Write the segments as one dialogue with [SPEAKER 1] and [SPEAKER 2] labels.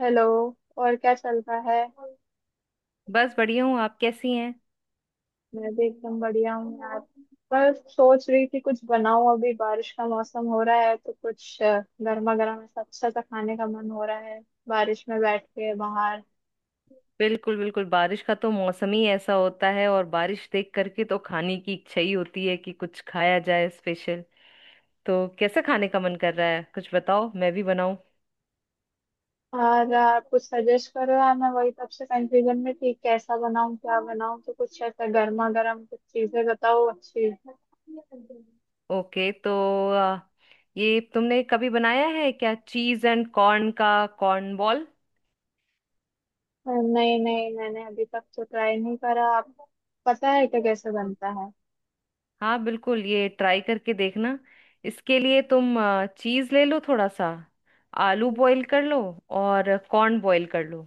[SPEAKER 1] Hello. और क्या चल रहा है।
[SPEAKER 2] बस बढ़िया हूँ, आप कैसी हैं?
[SPEAKER 1] मैं भी एकदम बढ़िया हूँ यार। बस सोच रही थी कुछ बनाऊं, अभी बारिश का मौसम हो रहा है तो कुछ गर्मा गर्म ऐसा अच्छा सा खाने का मन हो रहा है बारिश में बैठ के बाहर।
[SPEAKER 2] बिल्कुल बिल्कुल, बारिश का तो मौसम ही ऐसा होता है और बारिश देख करके तो खाने की इच्छा ही होती है कि कुछ खाया जाए स्पेशल। तो कैसे खाने का मन कर रहा है, कुछ बताओ, मैं भी बनाऊं।
[SPEAKER 1] और आप कुछ सजेस्ट करो यार, मैं वही तब से कंफ्यूजन में थी कैसा बनाऊं क्या बनाऊं, तो कुछ ऐसा गर्मा गर्म कुछ चीजें बताओ अच्छी।
[SPEAKER 2] ओके, तो आ, ये तुमने कभी बनाया है क्या चीज एंड कॉर्न का कॉर्न बॉल?
[SPEAKER 1] नहीं नहीं मैंने अभी तक तो ट्राई नहीं करा। आप पता है क्या कैसे बनता है।
[SPEAKER 2] हाँ बिल्कुल, ये ट्राई करके देखना। इसके लिए तुम चीज ले लो थोड़ा सा, आलू बॉईल कर लो और कॉर्न बॉईल कर लो।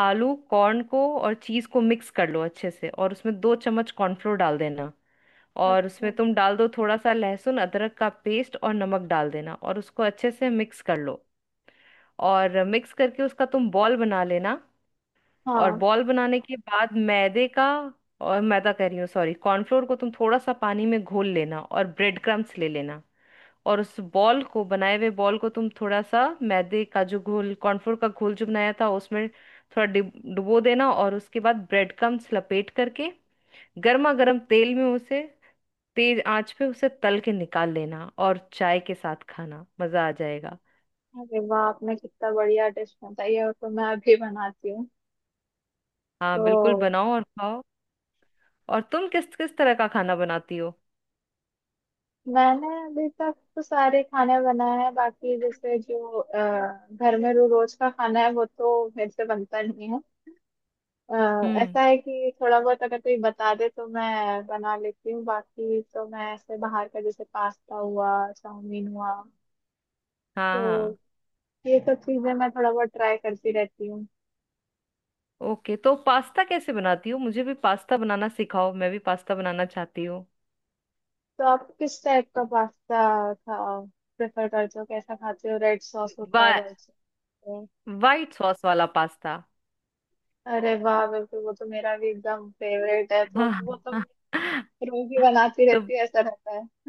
[SPEAKER 2] आलू कॉर्न को और चीज को मिक्स कर लो अच्छे से और उसमें 2 चम्मच कॉर्नफ्लोर डाल देना।
[SPEAKER 1] अच्छा
[SPEAKER 2] और
[SPEAKER 1] अच्छा।
[SPEAKER 2] उसमें तुम डाल दो थोड़ा सा लहसुन अदरक का पेस्ट और नमक डाल देना और उसको अच्छे से मिक्स कर लो। और मिक्स करके उसका तुम बॉल बना लेना। और
[SPEAKER 1] हाँ।
[SPEAKER 2] बॉल बनाने के बाद मैदे का, और मैदा कह रही हूँ, सॉरी, कॉर्नफ्लोर को तुम थोड़ा सा पानी में घोल लेना और ब्रेड क्रम्स ले लेना। और उस बॉल को, बनाए हुए बॉल को तुम थोड़ा सा मैदे का जो घोल, कॉर्नफ्लोर का घोल जो बनाया था उसमें थोड़ा डुबो देना और उसके बाद ब्रेड क्रम्स लपेट करके गर्मा गर्म तेल में उसे, तेज आंच पे उसे तल के निकाल लेना और चाय के साथ खाना, मजा आ जाएगा।
[SPEAKER 1] अरे वाह आपने कितना बढ़िया डिश बताई है, वो तो मैं अभी बनाती हूँ।
[SPEAKER 2] हाँ बिल्कुल,
[SPEAKER 1] तो
[SPEAKER 2] बनाओ और खाओ। और तुम किस किस तरह का खाना बनाती हो?
[SPEAKER 1] मैंने अभी तक तो सारे खाने बनाए हैं, बाकी जैसे जो घर में रो रोज का खाना है वो तो मेरे से बनता नहीं है। अ,
[SPEAKER 2] हम्म।
[SPEAKER 1] ऐसा है कि थोड़ा बहुत अगर कोई बता दे तो मैं बना लेती हूँ, बाकी तो मैं ऐसे बाहर का जैसे पास्ता हुआ चाउमीन हुआ।
[SPEAKER 2] हाँ,
[SPEAKER 1] तो
[SPEAKER 2] हाँ।
[SPEAKER 1] ये सब चीजें मैं थोड़ा बहुत ट्राई करती रहती।
[SPEAKER 2] ओके, तो पास्ता कैसे बनाती हो? मुझे भी पास्ता बनाना सिखाओ, मैं भी पास्ता बनाना चाहती हूँ।
[SPEAKER 1] तो आप किस टाइप का पास्ता खा प्रेफर करते हो, कैसा खाते हो, रेड सॉस होता है
[SPEAKER 2] वा,
[SPEAKER 1] व्हाइट सॉस होता
[SPEAKER 2] वाइट सॉस वाला पास्ता।
[SPEAKER 1] है। अरे वाह बिल्कुल, वो तो मेरा भी एकदम फेवरेट है, तो
[SPEAKER 2] हाँ,
[SPEAKER 1] वो तो
[SPEAKER 2] हाँ,
[SPEAKER 1] मैं रोज ही बनाती
[SPEAKER 2] तो
[SPEAKER 1] रहती है ऐसा रहता है।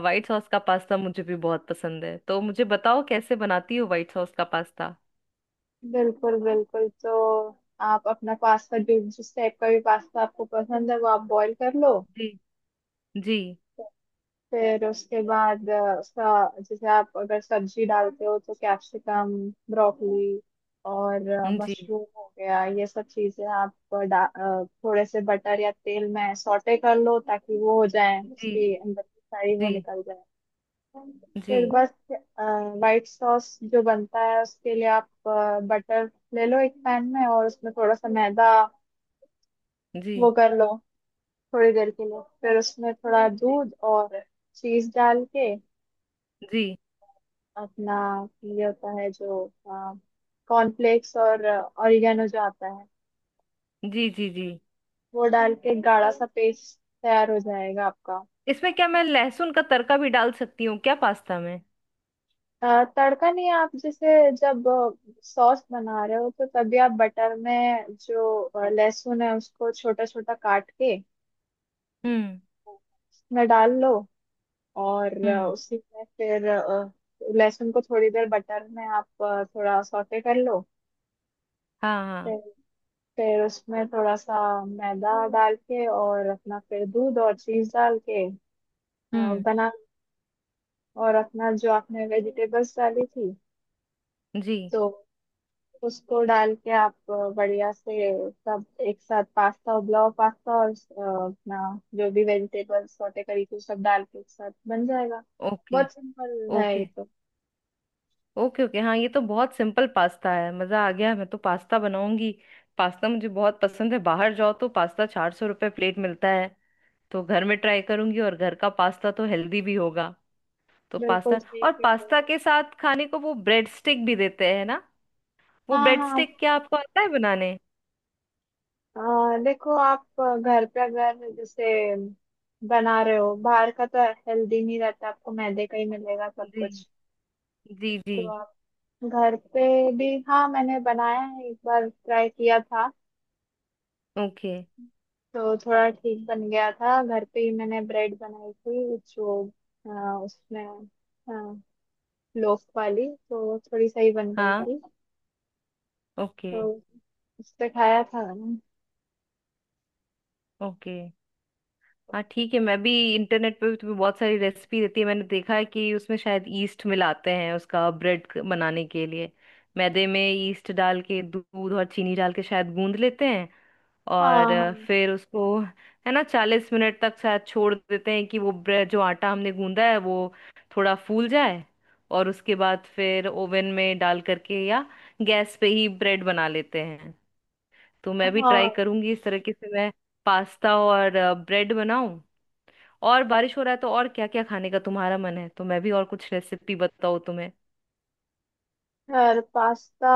[SPEAKER 2] व्हाइट सॉस का पास्ता मुझे भी बहुत पसंद है, तो मुझे बताओ कैसे बनाती हो व्हाइट सॉस का पास्ता।
[SPEAKER 1] बिल्कुल बिल्कुल। तो आप अपना पास्ता, जो जिस टाइप का भी पास्ता आपको पसंद है वो आप बॉईल कर लो।
[SPEAKER 2] जी। जी।
[SPEAKER 1] फिर उसके बाद उसका, जैसे आप अगर सब्जी डालते हो तो कैप्सिकम, ब्रोकली और
[SPEAKER 2] जी।
[SPEAKER 1] मशरूम हो गया, ये सब चीजें आप थोड़े से बटर या तेल में सौटे कर लो ताकि वो हो जाए,
[SPEAKER 2] जी।
[SPEAKER 1] उसकी
[SPEAKER 2] जी।
[SPEAKER 1] अंदर की सारी वो
[SPEAKER 2] जी।
[SPEAKER 1] निकल जाए।
[SPEAKER 2] जी।
[SPEAKER 1] फिर बस, वाइट सॉस जो बनता है उसके लिए आप बटर ले लो एक पैन में, और उसमें थोड़ा सा मैदा
[SPEAKER 2] जी।
[SPEAKER 1] वो कर लो थोड़ी देर के लिए। फिर उसमें थोड़ा दूध और चीज डाल के
[SPEAKER 2] जी।
[SPEAKER 1] अपना, ये होता है जो कॉर्नफ्लेक्स और ऑरिगेनो जो आता है
[SPEAKER 2] जी। जी। जी।
[SPEAKER 1] वो डाल के गाढ़ा सा पेस्ट तैयार हो जाएगा आपका।
[SPEAKER 2] इसमें क्या मैं लहसुन का तड़का भी डाल सकती हूँ क्या पास्ता में?
[SPEAKER 1] तड़का नहीं, आप जैसे जब सॉस बना रहे हो तो तभी आप बटर में जो लहसुन है उसको छोटा छोटा काट के
[SPEAKER 2] हम्म।
[SPEAKER 1] उसमें डाल लो। और
[SPEAKER 2] हम्म।
[SPEAKER 1] उसी में फिर लहसुन को थोड़ी देर बटर में आप थोड़ा सौटे कर लो।
[SPEAKER 2] हाँ, हाँ।
[SPEAKER 1] फिर उसमें थोड़ा सा मैदा डाल के और अपना फिर दूध और चीज डाल के अ,
[SPEAKER 2] हम्म।
[SPEAKER 1] बना। और अपना जो आपने वेजिटेबल्स डाली थी,
[SPEAKER 2] जी।
[SPEAKER 1] तो उसको डाल के आप बढ़िया से सब एक साथ, पास्ता उबला पास्ता और अपना जो भी वेजिटेबल्स सॉटे करी थी सब डाल के एक साथ बन जाएगा।
[SPEAKER 2] ओके।
[SPEAKER 1] बहुत सिंपल है ये
[SPEAKER 2] ओके।
[SPEAKER 1] तो।
[SPEAKER 2] ओके। ओके, हाँ, ये तो बहुत सिंपल पास्ता है, मज़ा आ गया, मैं तो पास्ता बनाऊंगी। पास्ता मुझे बहुत पसंद है, बाहर जाओ तो पास्ता 400 रुपये प्लेट मिलता है। तो घर में ट्राई करूंगी और घर का पास्ता तो हेल्दी भी होगा। तो
[SPEAKER 1] बिल्कुल
[SPEAKER 2] पास्ता,
[SPEAKER 1] ठीक
[SPEAKER 2] और
[SPEAKER 1] है।
[SPEAKER 2] पास्ता के साथ खाने को वो ब्रेड स्टिक भी देते हैं ना, वो
[SPEAKER 1] हाँ
[SPEAKER 2] ब्रेड
[SPEAKER 1] हाँ।
[SPEAKER 2] स्टिक क्या आपको आता है बनाने?
[SPEAKER 1] देखो, आप घर पे अगर जैसे बना रहे हो बाहर का तो हेल्दी नहीं रहता, आपको मैदे का ही मिलेगा सब
[SPEAKER 2] जी
[SPEAKER 1] कुछ।
[SPEAKER 2] जी जी।
[SPEAKER 1] तो आप घर पे भी, हाँ मैंने बनाया है, एक बार ट्राई किया था।
[SPEAKER 2] ओके।
[SPEAKER 1] तो थोड़ा ठीक बन गया था, घर पे ही मैंने ब्रेड बनाई थी जो उसमें आ, लोफ वाली तो थोड़ी सही बन गई
[SPEAKER 2] हाँ।
[SPEAKER 1] थी।
[SPEAKER 2] ओके।
[SPEAKER 1] तो उससे खाया था मैंने।
[SPEAKER 2] ओके, हाँ ठीक है, मैं भी इंटरनेट पे भी तुम्हें बहुत सारी रेसिपी देती है, मैंने देखा है कि उसमें शायद ईस्ट मिलाते हैं उसका, ब्रेड बनाने के लिए मैदे में ईस्ट डाल के दूध और चीनी डाल के शायद गूंद लेते हैं। और
[SPEAKER 1] हाँ
[SPEAKER 2] फिर उसको है ना 40 मिनट तक शायद छोड़ देते हैं कि वो ब्रेड, जो आटा हमने गूंदा है वो थोड़ा फूल जाए। और उसके बाद फिर ओवन में डाल करके या गैस पे ही ब्रेड बना लेते हैं। तो मैं
[SPEAKER 1] हाँ
[SPEAKER 2] भी ट्राई
[SPEAKER 1] हाँ।
[SPEAKER 2] करूंगी इस तरीके से, मैं पास्ता और ब्रेड बनाऊं। और बारिश हो रहा है तो और क्या क्या खाने का तुम्हारा मन है? तो मैं भी और कुछ रेसिपी बताऊँ तुम्हें।
[SPEAKER 1] और पास्ता,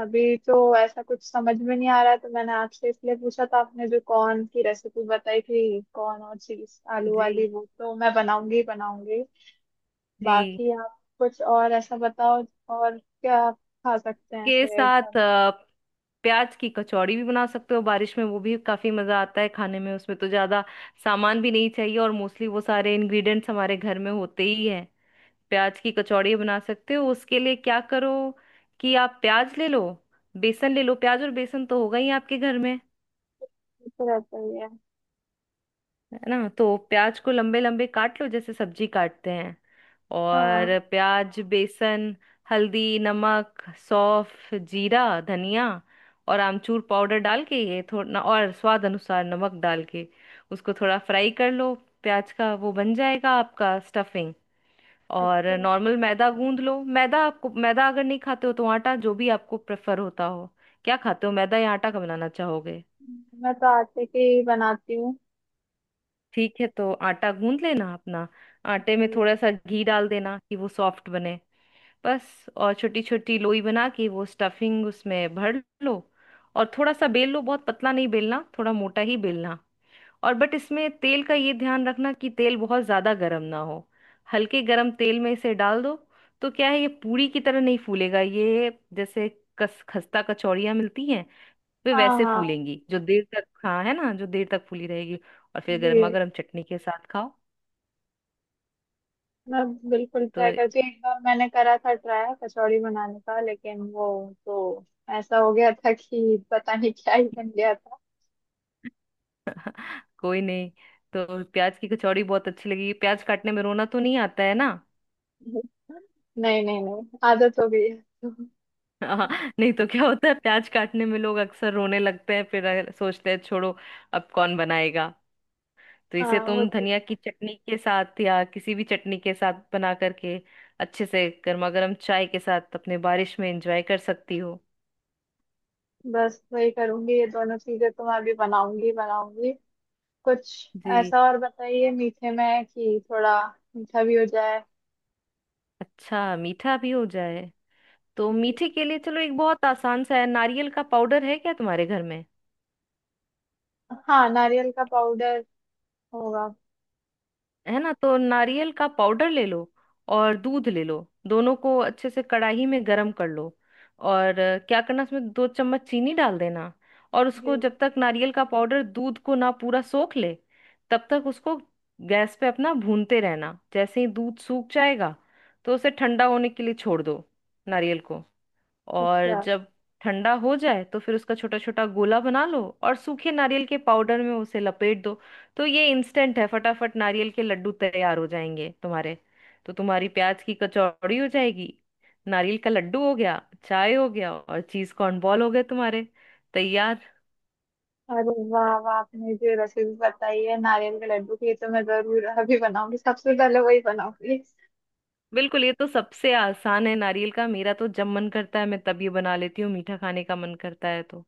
[SPEAKER 1] अभी तो ऐसा कुछ समझ में नहीं आ रहा है तो मैंने आपसे इसलिए पूछा था। आपने जो कॉर्न की रेसिपी बताई थी कॉर्न और चीज आलू वाली,
[SPEAKER 2] जी।
[SPEAKER 1] वो तो मैं बनाऊंगी ही बनाऊंगी।
[SPEAKER 2] जी
[SPEAKER 1] बाकी आप कुछ और ऐसा बताओ, और क्या आप खा सकते हैं
[SPEAKER 2] के
[SPEAKER 1] ऐसे
[SPEAKER 2] साथ
[SPEAKER 1] एकदम।
[SPEAKER 2] प्याज की कचौड़ी भी बना सकते हो बारिश में, वो भी काफी मजा आता है खाने में, उसमें तो ज्यादा सामान भी नहीं चाहिए और मोस्टली वो सारे इंग्रेडिएंट्स हमारे घर में होते ही हैं। प्याज की कचौड़ी बना सकते हो, उसके लिए क्या करो कि आप प्याज ले लो, बेसन ले लो, प्याज और बेसन तो होगा ही आपके घर में,
[SPEAKER 1] ये तो रहता ही है।
[SPEAKER 2] है ना? तो प्याज को लंबे लंबे काट लो जैसे सब्जी काटते हैं।
[SPEAKER 1] हाँ।
[SPEAKER 2] और प्याज, बेसन, हल्दी, नमक, सौंफ, जीरा, धनिया और आमचूर पाउडर डाल के ये थोड़ा, और स्वाद अनुसार नमक डाल के उसको थोड़ा फ्राई कर लो। प्याज का वो बन जाएगा आपका स्टफिंग। और
[SPEAKER 1] अच्छा।
[SPEAKER 2] नॉर्मल मैदा गूंद लो, मैदा आपको, मैदा अगर नहीं खाते हो तो आटा, जो भी आपको प्रेफर होता हो, क्या खाते हो, मैदा या आटा का बनाना चाहोगे?
[SPEAKER 1] मैं तो आटे के ही बनाती हूँ।
[SPEAKER 2] ठीक है, तो आटा गूंद लेना अपना, आटे में
[SPEAKER 1] जी।
[SPEAKER 2] थोड़ा सा घी डाल देना कि वो सॉफ्ट बने, बस। और छोटी छोटी लोई बना के वो स्टफिंग उसमें भर लो और थोड़ा सा बेल लो, बहुत पतला नहीं बेलना, थोड़ा मोटा ही बेलना। और बट इसमें तेल का ये ध्यान रखना कि तेल बहुत ज्यादा गर्म ना हो, हल्के गर्म तेल में इसे डाल दो। तो क्या है, ये पूरी की तरह नहीं फूलेगा, ये जैसे कस खस्ता कचौड़ियाँ मिलती हैं वे
[SPEAKER 1] हाँ
[SPEAKER 2] वैसे
[SPEAKER 1] हाँ।
[SPEAKER 2] फूलेंगी, जो देर तक, हाँ है ना, जो देर तक फूली रहेगी। और फिर गर्मा
[SPEAKER 1] जी।
[SPEAKER 2] गर्म चटनी के साथ खाओ।
[SPEAKER 1] मैं बिल्कुल
[SPEAKER 2] तो
[SPEAKER 1] ट्राई करती हूँ, एक बार मैंने करा था ट्राई कचौड़ी बनाने का लेकिन वो तो ऐसा हो गया था कि पता नहीं क्या ही बन गया था।
[SPEAKER 2] कोई नहीं, तो प्याज की कचौड़ी बहुत अच्छी लगी, प्याज काटने में रोना तो नहीं आता है ना?
[SPEAKER 1] नहीं नहीं नहीं, आदत हो गई है।
[SPEAKER 2] हाँ। नहीं तो क्या होता है, प्याज काटने में लोग अक्सर रोने लगते हैं, फिर सोचते हैं छोड़ो, अब कौन बनाएगा। तो इसे
[SPEAKER 1] हाँ वो
[SPEAKER 2] तुम
[SPEAKER 1] तो।
[SPEAKER 2] धनिया की चटनी के साथ या किसी भी चटनी के साथ बना करके अच्छे से गर्मा गर्म चाय के साथ अपने बारिश में एंजॉय कर सकती हो।
[SPEAKER 1] बस वही करूंगी, ये दोनों चीजें तो मैं भी बनाऊंगी बनाऊंगी। कुछ
[SPEAKER 2] जी,
[SPEAKER 1] ऐसा और बताइए मीठे में, कि थोड़ा मीठा भी हो जाए।
[SPEAKER 2] अच्छा, मीठा भी हो जाए। तो
[SPEAKER 1] जी।
[SPEAKER 2] मीठे के लिए चलो, एक बहुत आसान सा है, नारियल का पाउडर है क्या तुम्हारे घर में?
[SPEAKER 1] हाँ नारियल का पाउडर होगा।
[SPEAKER 2] है ना, तो नारियल का पाउडर ले लो और दूध ले लो, दोनों को अच्छे से कढ़ाई में गरम कर लो। और क्या करना, उसमें दो चम्मच चीनी डाल देना। और
[SPEAKER 1] जी।
[SPEAKER 2] उसको जब तक नारियल का पाउडर दूध को ना पूरा सोख ले तब तक उसको गैस पे अपना भूनते रहना। जैसे ही दूध सूख जाएगा तो उसे ठंडा होने के लिए छोड़ दो, नारियल को। और
[SPEAKER 1] अच्छा।
[SPEAKER 2] जब ठंडा हो जाए तो फिर उसका छोटा छोटा गोला बना लो और सूखे नारियल के पाउडर में उसे लपेट दो। तो ये इंस्टेंट है, फटाफट नारियल के लड्डू तैयार हो जाएंगे तुम्हारे। तो तुम्हारी प्याज की कचौड़ी हो जाएगी, नारियल का लड्डू हो गया, चाय हो गया, और चीज कॉर्न बॉल हो गए तुम्हारे तैयार।
[SPEAKER 1] अरे वाह वाह आपने जो रेसिपी बताई है नारियल के लड्डू की, ये तो मैं जरूर अभी बनाऊंगी, सबसे पहले वही बनाऊंगी।
[SPEAKER 2] बिल्कुल, ये तो सबसे आसान है, नारियल का। मेरा तो जब मन करता है मैं तब ये बना लेती हूँ, मीठा खाने का मन करता है तो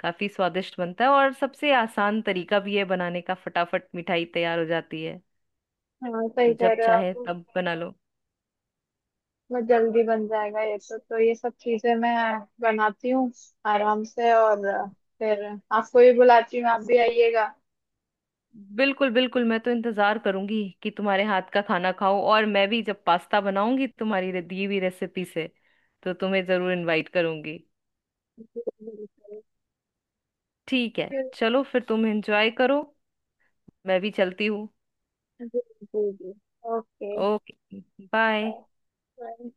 [SPEAKER 2] काफी स्वादिष्ट बनता है और सबसे आसान तरीका भी है बनाने का, फटाफट मिठाई तैयार हो जाती है।
[SPEAKER 1] हाँ सही
[SPEAKER 2] तो
[SPEAKER 1] कह
[SPEAKER 2] जब
[SPEAKER 1] रहे हो
[SPEAKER 2] चाहे
[SPEAKER 1] आप।
[SPEAKER 2] तब बना लो।
[SPEAKER 1] बहुत जल्दी बन जाएगा ये तो ये सब चीजें मैं बनाती हूँ आराम से और फिर आपको भी बुलाती हूँ आप भी आइएगा।
[SPEAKER 2] बिल्कुल बिल्कुल, मैं तो इंतजार करूंगी कि तुम्हारे हाथ का खाना खाऊं, और मैं भी जब पास्ता बनाऊंगी तुम्हारी दी हुई रेसिपी से तो तुम्हें जरूर इनवाइट करूंगी।
[SPEAKER 1] जी, बिल्कुल।
[SPEAKER 2] ठीक है, चलो फिर तुम एंजॉय करो, मैं भी चलती हूँ।
[SPEAKER 1] जी जी जी। Okay.
[SPEAKER 2] Okay.
[SPEAKER 1] Bye.
[SPEAKER 2] Bye.
[SPEAKER 1] Bye.